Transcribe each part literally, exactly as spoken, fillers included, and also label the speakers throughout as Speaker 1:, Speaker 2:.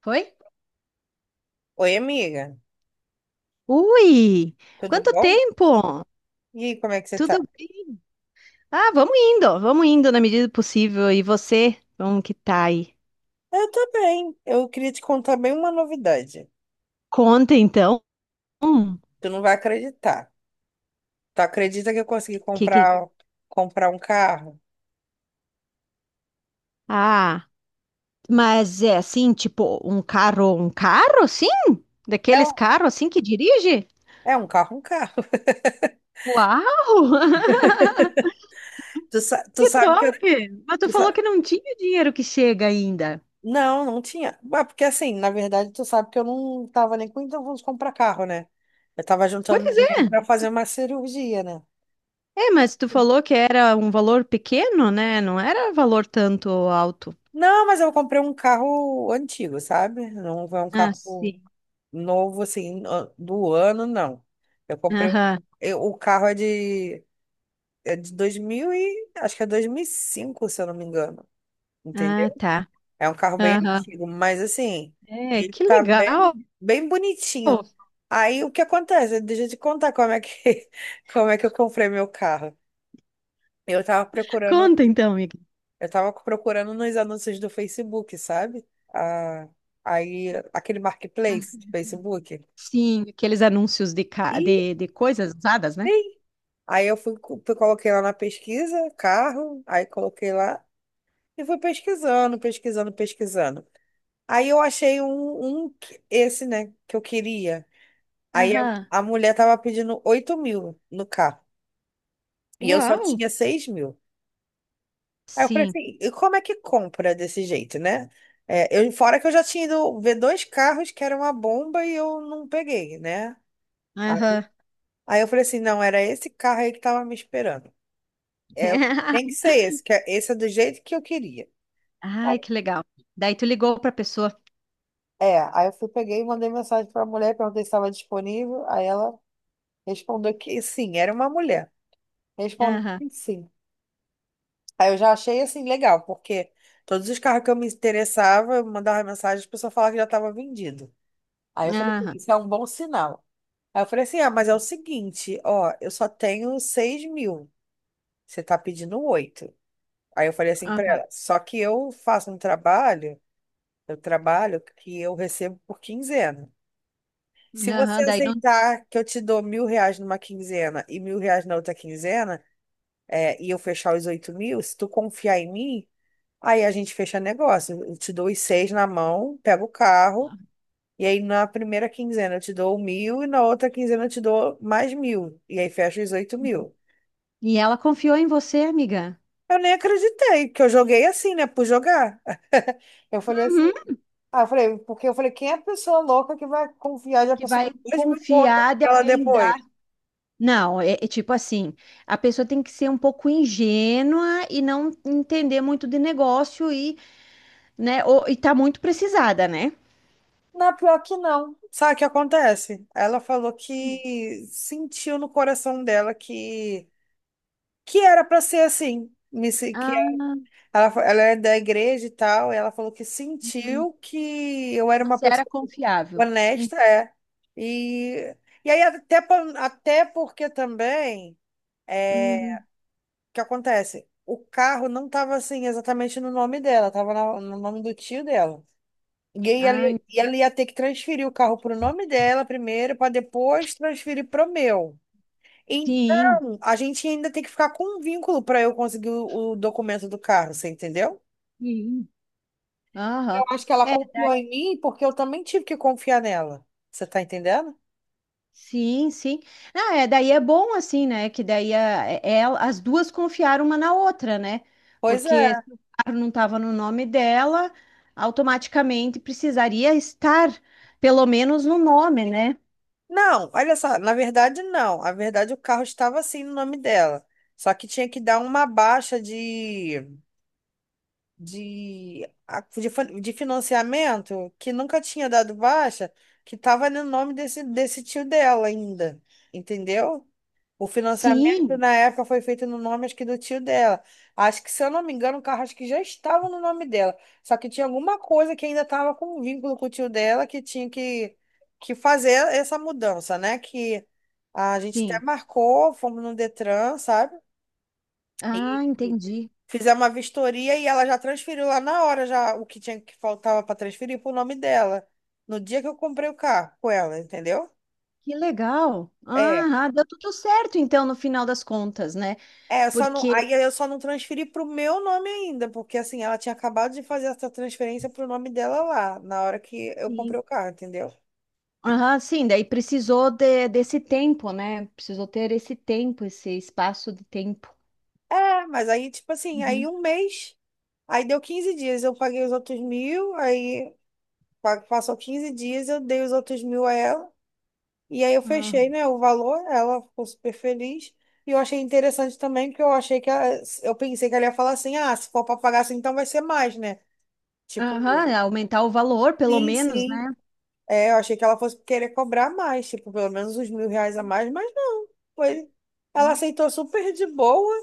Speaker 1: Foi,
Speaker 2: Oi, amiga,
Speaker 1: ui!
Speaker 2: tudo
Speaker 1: Quanto
Speaker 2: bom?
Speaker 1: tempo?
Speaker 2: E aí, como é que você tá?
Speaker 1: Tudo bem? Ah, vamos indo, vamos indo na medida do possível. E você, como que tá aí?
Speaker 2: Eu tô bem. Eu queria te contar bem uma novidade.
Speaker 1: Conta então. Hum,
Speaker 2: Tu não vai acreditar. Tu acredita que eu consegui
Speaker 1: que que.
Speaker 2: comprar comprar um carro?
Speaker 1: Ah, mas é assim, tipo, um carro, um carro, sim?
Speaker 2: É
Speaker 1: Daqueles
Speaker 2: um,
Speaker 1: carros assim que dirige?
Speaker 2: é um carro, um carro.
Speaker 1: Uau!
Speaker 2: Tu, sa- tu
Speaker 1: Que
Speaker 2: sabe que eu.
Speaker 1: top! Mas tu
Speaker 2: tu
Speaker 1: falou
Speaker 2: sa-
Speaker 1: que não tinha dinheiro que chega ainda.
Speaker 2: Não, não tinha. Ué, porque assim, na verdade, tu sabe que eu não tava nem com intenção de comprar carro, né? Eu tava juntando
Speaker 1: Pois é.
Speaker 2: dinheiro pra fazer uma cirurgia, né?
Speaker 1: É, mas tu falou que era um valor pequeno, né? Não era valor tanto alto.
Speaker 2: Não, mas eu comprei um carro antigo, sabe? Não é um
Speaker 1: Ah,
Speaker 2: carro
Speaker 1: sim.
Speaker 2: novo assim no- do ano, não. Eu comprei um,
Speaker 1: Aham.
Speaker 2: eu- o carro é de é de dois mil e acho que é dois mil e cinco se eu não me engano, entendeu?
Speaker 1: Ah, tá.
Speaker 2: É um carro bem
Speaker 1: Aham.
Speaker 2: antigo, mas assim,
Speaker 1: É,
Speaker 2: ele
Speaker 1: que
Speaker 2: tá
Speaker 1: legal.
Speaker 2: bem bem bonitinho. Aí o que acontece? Deixa eu te contar como é que como é que eu comprei meu carro. Eu tava procurando,
Speaker 1: Conta então, amiga.
Speaker 2: eu tava procurando nos anúncios do Facebook, sabe? Ah, aí aquele marketplace
Speaker 1: Ah,
Speaker 2: do Facebook.
Speaker 1: sim, aqueles anúncios de, ca-
Speaker 2: E
Speaker 1: de, de coisas usadas, né?
Speaker 2: Aí eu fui, fui- coloquei lá na pesquisa, carro, aí coloquei lá e fui pesquisando, pesquisando, pesquisando. Aí eu achei um, um que- esse, né, que eu queria. Aí a,
Speaker 1: Aham.
Speaker 2: a mulher tava pedindo oito mil no carro e eu só
Speaker 1: Uau.
Speaker 2: tinha seis mil. Aí eu falei
Speaker 1: Sim.
Speaker 2: assim, e como é que compra desse jeito, né? É, eu, fora que eu já tinha ido ver dois carros que era uma bomba e eu não peguei, né?
Speaker 1: Aham.
Speaker 2: Aí, aí eu falei assim, não, era esse carro aí que tava me esperando. É, tem que ser esse, que é- esse é do jeito que eu queria.
Speaker 1: Ai,
Speaker 2: Aí-
Speaker 1: que legal. Daí tu ligou para a pessoa.
Speaker 2: É, aí eu fui, peguei e mandei mensagem para a mulher, perguntei se estava disponível. Aí ela respondeu que sim, era uma mulher. Respondeu
Speaker 1: Aham.
Speaker 2: que sim. Aí eu já achei assim legal, porque todos os carros que eu me interessava, eu mandava mensagem, a pessoa falava que já estava vendido. Aí eu falei: "Pô,
Speaker 1: Aham.
Speaker 2: isso é um bom sinal." Aí eu falei assim: ah, mas é o seguinte, ó, eu só tenho seis mil, você tá pedindo oito. Aí eu falei assim para
Speaker 1: Aham.
Speaker 2: ela: só que eu faço um trabalho. Eu trabalho que eu recebo por quinzena. Se você
Speaker 1: Aham. Daí não.
Speaker 2: aceitar que eu te dou mil reais numa quinzena e mil reais na outra quinzena, é, e eu fechar os oito mil, se tu confiar em mim, aí a gente fecha negócio. Eu te dou os seis na mão, pego o carro, e aí na primeira quinzena eu te dou mil e na outra quinzena eu te dou mais mil. E aí fecha os oito mil.
Speaker 1: E ela confiou em você, amiga.
Speaker 2: Eu nem acreditei, porque eu joguei assim, né? Por jogar. Eu falei assim,
Speaker 1: Uhum.
Speaker 2: aí eu falei, porque eu falei, quem é a pessoa louca que vai confiar de uma
Speaker 1: Que
Speaker 2: pessoa
Speaker 1: vai
Speaker 2: de dois mil contas
Speaker 1: confiar de
Speaker 2: pra ela
Speaker 1: alguém
Speaker 2: depois?
Speaker 1: dar. Não, é, é tipo assim, a pessoa tem que ser um pouco ingênua e não entender muito de negócio e, né, ou, e tá muito precisada, né?
Speaker 2: Na pior que não. Sabe o que acontece? Ela falou que sentiu no coração dela que, que era pra ser assim. Me se- Que
Speaker 1: Ah,
Speaker 2: ela, fa- ela é da igreja e tal, e ela falou que
Speaker 1: hum,
Speaker 2: sentiu que eu era uma
Speaker 1: você era
Speaker 2: pessoa
Speaker 1: confiável. Hum,
Speaker 2: honesta, é. E, e aí até, pa- até porque também.
Speaker 1: hum.
Speaker 2: Que acontece? O carro não estava assim exatamente no nome dela, estava no nome do tio dela. E aí ela,
Speaker 1: Ah,
Speaker 2: ia- e ela ia ter que transferir o carro para o nome dela primeiro, para depois transferir para o meu.
Speaker 1: sim,
Speaker 2: Então, a gente ainda tem que ficar com um vínculo para eu conseguir o, o documento do carro, você entendeu?
Speaker 1: sim.
Speaker 2: Eu
Speaker 1: Aham.
Speaker 2: acho que ela confiou em mim porque eu também tive que confiar nela. Você tá entendendo?
Speaker 1: Sim, sim. Não, é, daí é bom assim, né? Que daí a, é- ela- as duas confiaram uma na outra, né?
Speaker 2: Pois
Speaker 1: Porque
Speaker 2: é.
Speaker 1: se o carro não estava no nome dela, automaticamente precisaria estar, pelo menos, no nome, né?
Speaker 2: Não, olha só, na verdade não. Na verdade o carro estava assim no nome dela. Só que tinha que dar uma baixa de de, a- de, fa- de financiamento que nunca tinha dado baixa, que estava no nome desse, desse tio dela ainda, entendeu? O financiamento
Speaker 1: Sim,
Speaker 2: na época foi feito no nome, acho que do tio dela. Acho que, se eu não me engano, o carro acho que já estava no nome dela. Só que tinha alguma coisa que ainda estava com vínculo com o tio dela que tinha que, que fazer essa mudança, né? Que a gente até
Speaker 1: sim.
Speaker 2: marcou, fomos no Detran, sabe?
Speaker 1: Ah, entendi.
Speaker 2: Fizemos uma vistoria e ela já transferiu lá na hora já o que tinha que faltava para transferir pro nome dela. No dia que eu comprei o carro com ela, entendeu?
Speaker 1: Que legal.
Speaker 2: É.
Speaker 1: Ah, ah, deu tudo certo, então, no final das contas, né?
Speaker 2: É, eu só não,
Speaker 1: Porque,
Speaker 2: aí eu só não transferi pro meu nome ainda, porque assim, ela tinha acabado de fazer essa transferência pro nome dela lá, na hora que eu comprei
Speaker 1: sim,
Speaker 2: o carro, entendeu?
Speaker 1: ah, sim, daí precisou de- desse tempo, né? Precisou ter esse tempo, esse espaço de tempo.
Speaker 2: É, mas aí, tipo assim, aí um mês, aí deu quinze dias, eu paguei os outros mil, aí pa- passou quinze dias, eu dei os outros mil a ela. E aí eu
Speaker 1: Ah,
Speaker 2: fechei, né, o valor, ela ficou super feliz. E eu achei interessante também, porque eu achei que ela- eu pensei que ela ia falar assim, ah, se for para pagar assim, então vai ser mais, né? Tipo,
Speaker 1: aham, é, aumentar o valor, pelo
Speaker 2: sim,
Speaker 1: menos,
Speaker 2: sim.
Speaker 1: né?
Speaker 2: É, eu achei que ela fosse querer cobrar mais, tipo, pelo menos uns mil reais a mais, mas não. Foi... Ela aceitou super de boa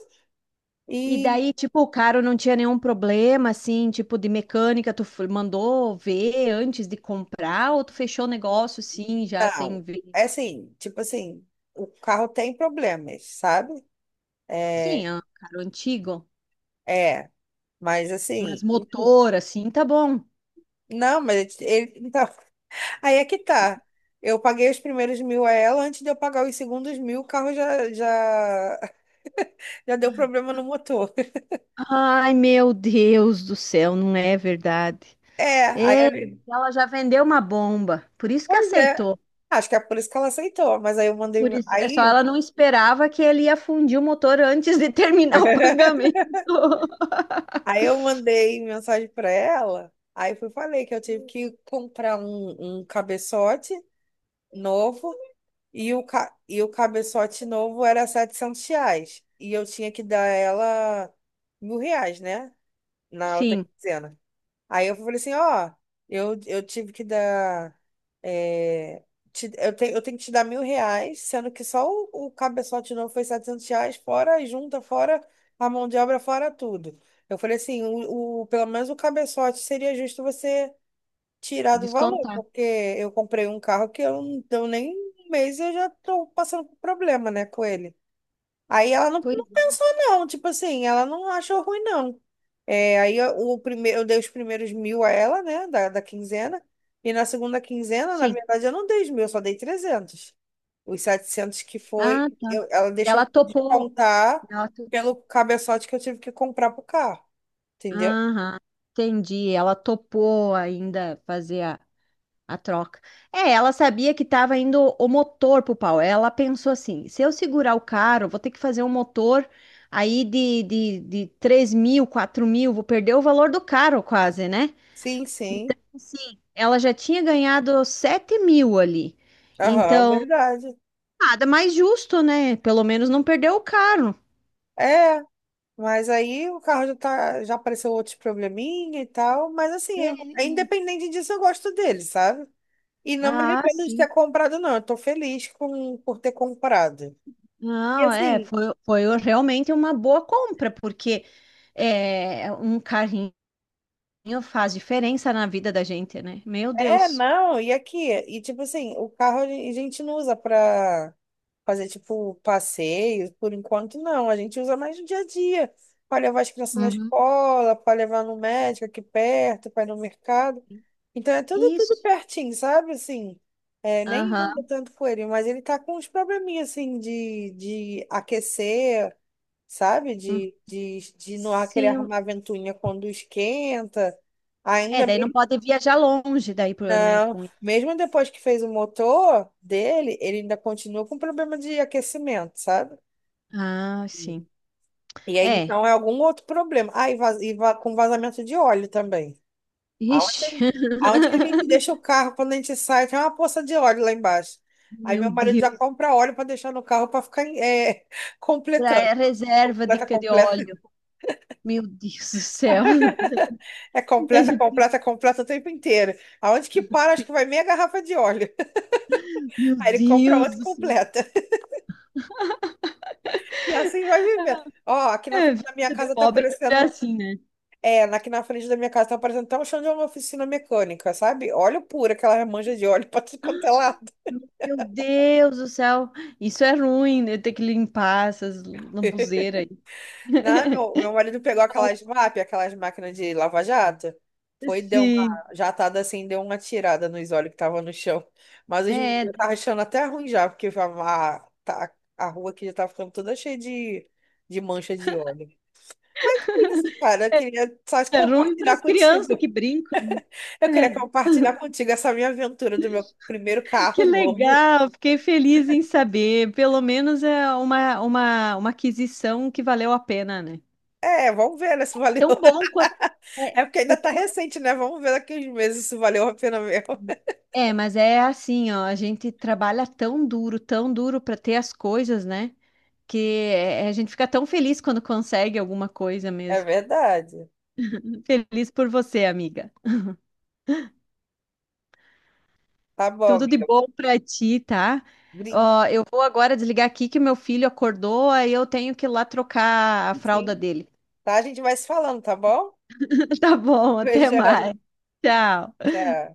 Speaker 1: E
Speaker 2: e
Speaker 1: daí, tipo, o carro não tinha nenhum problema, assim, tipo, de mecânica, tu f- mandou ver antes de comprar ou tu fechou o negócio, sim, já sem
Speaker 2: não.
Speaker 1: ver?
Speaker 2: É assim, tipo assim, o carro tem problemas, sabe?
Speaker 1: Sim,
Speaker 2: É,
Speaker 1: é um carro antigo,
Speaker 2: é, mas
Speaker 1: mas
Speaker 2: assim,
Speaker 1: motor, assim, tá bom.
Speaker 2: não, mas ele, então, aí é que tá. Eu paguei os primeiros mil a ela, antes de eu pagar os segundos mil, o carro já, já, já deu problema no motor.
Speaker 1: Ai, meu Deus do céu, não é verdade.
Speaker 2: É, aí eu...
Speaker 1: Ela já vendeu uma bomba, por isso que
Speaker 2: Pois é.
Speaker 1: aceitou.
Speaker 2: Acho que é por isso que ela aceitou, mas aí eu mandei.
Speaker 1: Por isso, é só
Speaker 2: Aí,
Speaker 1: ela não esperava que ele ia fundir o motor antes de terminar o pagamento.
Speaker 2: aí eu mandei mensagem pra ela. Aí fui falei que eu tive que comprar um, um cabeçote novo e o, ca... e o cabeçote novo era setecentos reais. E eu tinha que dar ela mil reais, né? Na outra
Speaker 1: Sim,
Speaker 2: quinzena. Aí eu falei assim, ó, eu, eu tive que dar. É, te- eu, tenho eu tenho que te dar mil reais, sendo que só o, o cabeçote novo foi setecentos reais, fora a junta, fora a mão de obra, fora tudo. Eu falei assim, o, o- pelo menos o cabeçote seria justo você tirar do valor,
Speaker 1: descontar.
Speaker 2: porque eu comprei um carro que eu, não- eu nem um mês eu já tô passando por problema, né, com ele. Aí ela não,
Speaker 1: Pois
Speaker 2: não
Speaker 1: é.
Speaker 2: pensou, não. Tipo assim, ela não achou ruim, não. É, aí eu- o primeiro, eu dei os primeiros mil a ela, né, da, da quinzena. E na segunda quinzena, na
Speaker 1: Sim.
Speaker 2: verdade, eu não dei os mil, eu só dei trezentos. Os setecentos que
Speaker 1: Ah,
Speaker 2: foi,
Speaker 1: tá.
Speaker 2: eu- ela deixou
Speaker 1: Ela
Speaker 2: eu
Speaker 1: topou.
Speaker 2: descontar
Speaker 1: Ela to-
Speaker 2: pelo cabeçote que eu tive que comprar pro carro, entendeu?
Speaker 1: Aham, entendi. Ela topou ainda fazer a, a troca. É, ela sabia que estava indo o motor pro pau. Ela pensou assim: se eu segurar o carro, vou ter que fazer um motor aí de, de, de três mil, quatro mil, vou perder o valor do carro quase, né?
Speaker 2: Sim, sim.
Speaker 1: Sim. Ela já tinha ganhado sete mil ali.
Speaker 2: Aham,
Speaker 1: Então,
Speaker 2: verdade.
Speaker 1: nada mais justo, né? Pelo menos não perdeu o carro.
Speaker 2: É, mas aí o carro já tá, já apareceu outros probleminha e tal, mas assim, é- é independente disso, eu gosto dele, sabe? E não me
Speaker 1: Ah,
Speaker 2: arrependo de
Speaker 1: sim.
Speaker 2: ter comprado, não. Eu tô feliz com, por ter comprado. E
Speaker 1: Não, é,
Speaker 2: assim,
Speaker 1: foi, foi realmente uma boa compra, porque é, um carrinho faz diferença na vida da gente, né? Meu
Speaker 2: é,
Speaker 1: Deus.
Speaker 2: não, e aqui? E tipo assim, o carro a gen- a gente não usa pra fazer tipo passeio, por enquanto não. A gente usa mais no dia a dia, pra levar as crianças na
Speaker 1: Uhum.
Speaker 2: escola, pra levar no médico aqui perto, pra ir no mercado. Então é tudo, tudo
Speaker 1: Isso.
Speaker 2: pertinho, sabe? Assim, é, nem anda
Speaker 1: Aham.
Speaker 2: tanto com ele, mas ele tá com uns probleminhas assim de, de aquecer. Sabe?
Speaker 1: Hum.
Speaker 2: De, de, de não ar- querer arrumar
Speaker 1: Sim.
Speaker 2: ventoinha quando esquenta.
Speaker 1: É,
Speaker 2: Ainda
Speaker 1: daí não
Speaker 2: mesmo,
Speaker 1: pode viajar longe daí, pro- né?
Speaker 2: não.
Speaker 1: Com.
Speaker 2: Mesmo depois que fez o motor dele, ele ainda continua com problema de aquecimento, sabe?
Speaker 1: Ah, sim.
Speaker 2: E aí,
Speaker 1: É.
Speaker 2: então, é algum outro problema. Ah, e, vaz- e va- com vazamento de óleo também. Aonde, a gente-
Speaker 1: Ixi.
Speaker 2: aonde que a gente deixa o carro quando a gente sai? Tem uma poça de óleo lá embaixo. Aí
Speaker 1: Meu
Speaker 2: meu marido já
Speaker 1: Deus.
Speaker 2: compra óleo para deixar no carro para ficar eh,
Speaker 1: Pra
Speaker 2: completando.
Speaker 1: é, reserva de,
Speaker 2: Completa,
Speaker 1: de óleo.
Speaker 2: completa.
Speaker 1: Meu Deus do céu.
Speaker 2: É
Speaker 1: A
Speaker 2: completa,
Speaker 1: gente- fica,
Speaker 2: completa, completa o tempo inteiro. Aonde que para, acho que vai meia garrafa de óleo.
Speaker 1: Meu
Speaker 2: Aí ele compra
Speaker 1: Deus
Speaker 2: outra e
Speaker 1: do céu.
Speaker 2: completa. E assim vai vivendo. Ó, aqui na
Speaker 1: É,
Speaker 2: frente
Speaker 1: vida
Speaker 2: da minha
Speaker 1: de
Speaker 2: casa tá
Speaker 1: pobre é
Speaker 2: aparecendo.
Speaker 1: assim, né?
Speaker 2: É, aqui na frente da minha casa tá aparecendo até um chão de uma oficina mecânica, sabe? Óleo puro, aquela manja de óleo pra tudo quanto é lado.
Speaker 1: Meu Deus do céu, isso é ruim, né? Ter que limpar essas lambuzeiras aí.
Speaker 2: Não, meu, meu marido pegou aquelas
Speaker 1: Nossa.
Speaker 2: M A P, aquelas máquinas de lava-jato. Foi, deu
Speaker 1: Sim,
Speaker 2: uma jatada assim, deu uma tirada nos olhos que tava no chão. Mas os meninos
Speaker 1: é,
Speaker 2: já tava achando até ruim já, porque a, a, tá- a rua aqui já tava ficando toda cheia de, de mancha de óleo. É isso, cara, eu queria só te
Speaker 1: é ruim para
Speaker 2: compartilhar
Speaker 1: as
Speaker 2: contigo.
Speaker 1: crianças que brincam.
Speaker 2: Eu
Speaker 1: Né?
Speaker 2: queria compartilhar contigo essa minha aventura do meu primeiro
Speaker 1: É, que
Speaker 2: carro novo.
Speaker 1: legal, fiquei feliz em saber. Pelo menos é uma, uma, uma aquisição que valeu a pena, né?
Speaker 2: É, vamos ver, né, se valeu.
Speaker 1: Tão bom quanto. É,
Speaker 2: É porque ainda
Speaker 1: é
Speaker 2: tá
Speaker 1: tão-
Speaker 2: recente, né? Vamos ver daqui uns meses se valeu a pena mesmo.
Speaker 1: é, mas é assim, ó, a gente trabalha tão duro, tão duro para ter as coisas, né? Que é- a gente fica tão feliz quando consegue alguma coisa
Speaker 2: É
Speaker 1: mesmo.
Speaker 2: verdade.
Speaker 1: Feliz por você, amiga.
Speaker 2: Tá bom,
Speaker 1: Tudo de
Speaker 2: amiga.
Speaker 1: bom pra ti, tá?
Speaker 2: Brinque,
Speaker 1: Ó, eu vou agora desligar aqui que meu filho acordou, aí eu tenho que ir lá trocar a
Speaker 2: sim.
Speaker 1: fralda dele.
Speaker 2: Tá? A gente vai se falando, tá bom?
Speaker 1: Tá bom, até
Speaker 2: Beijão.
Speaker 1: mais. Tchau.
Speaker 2: Tchau.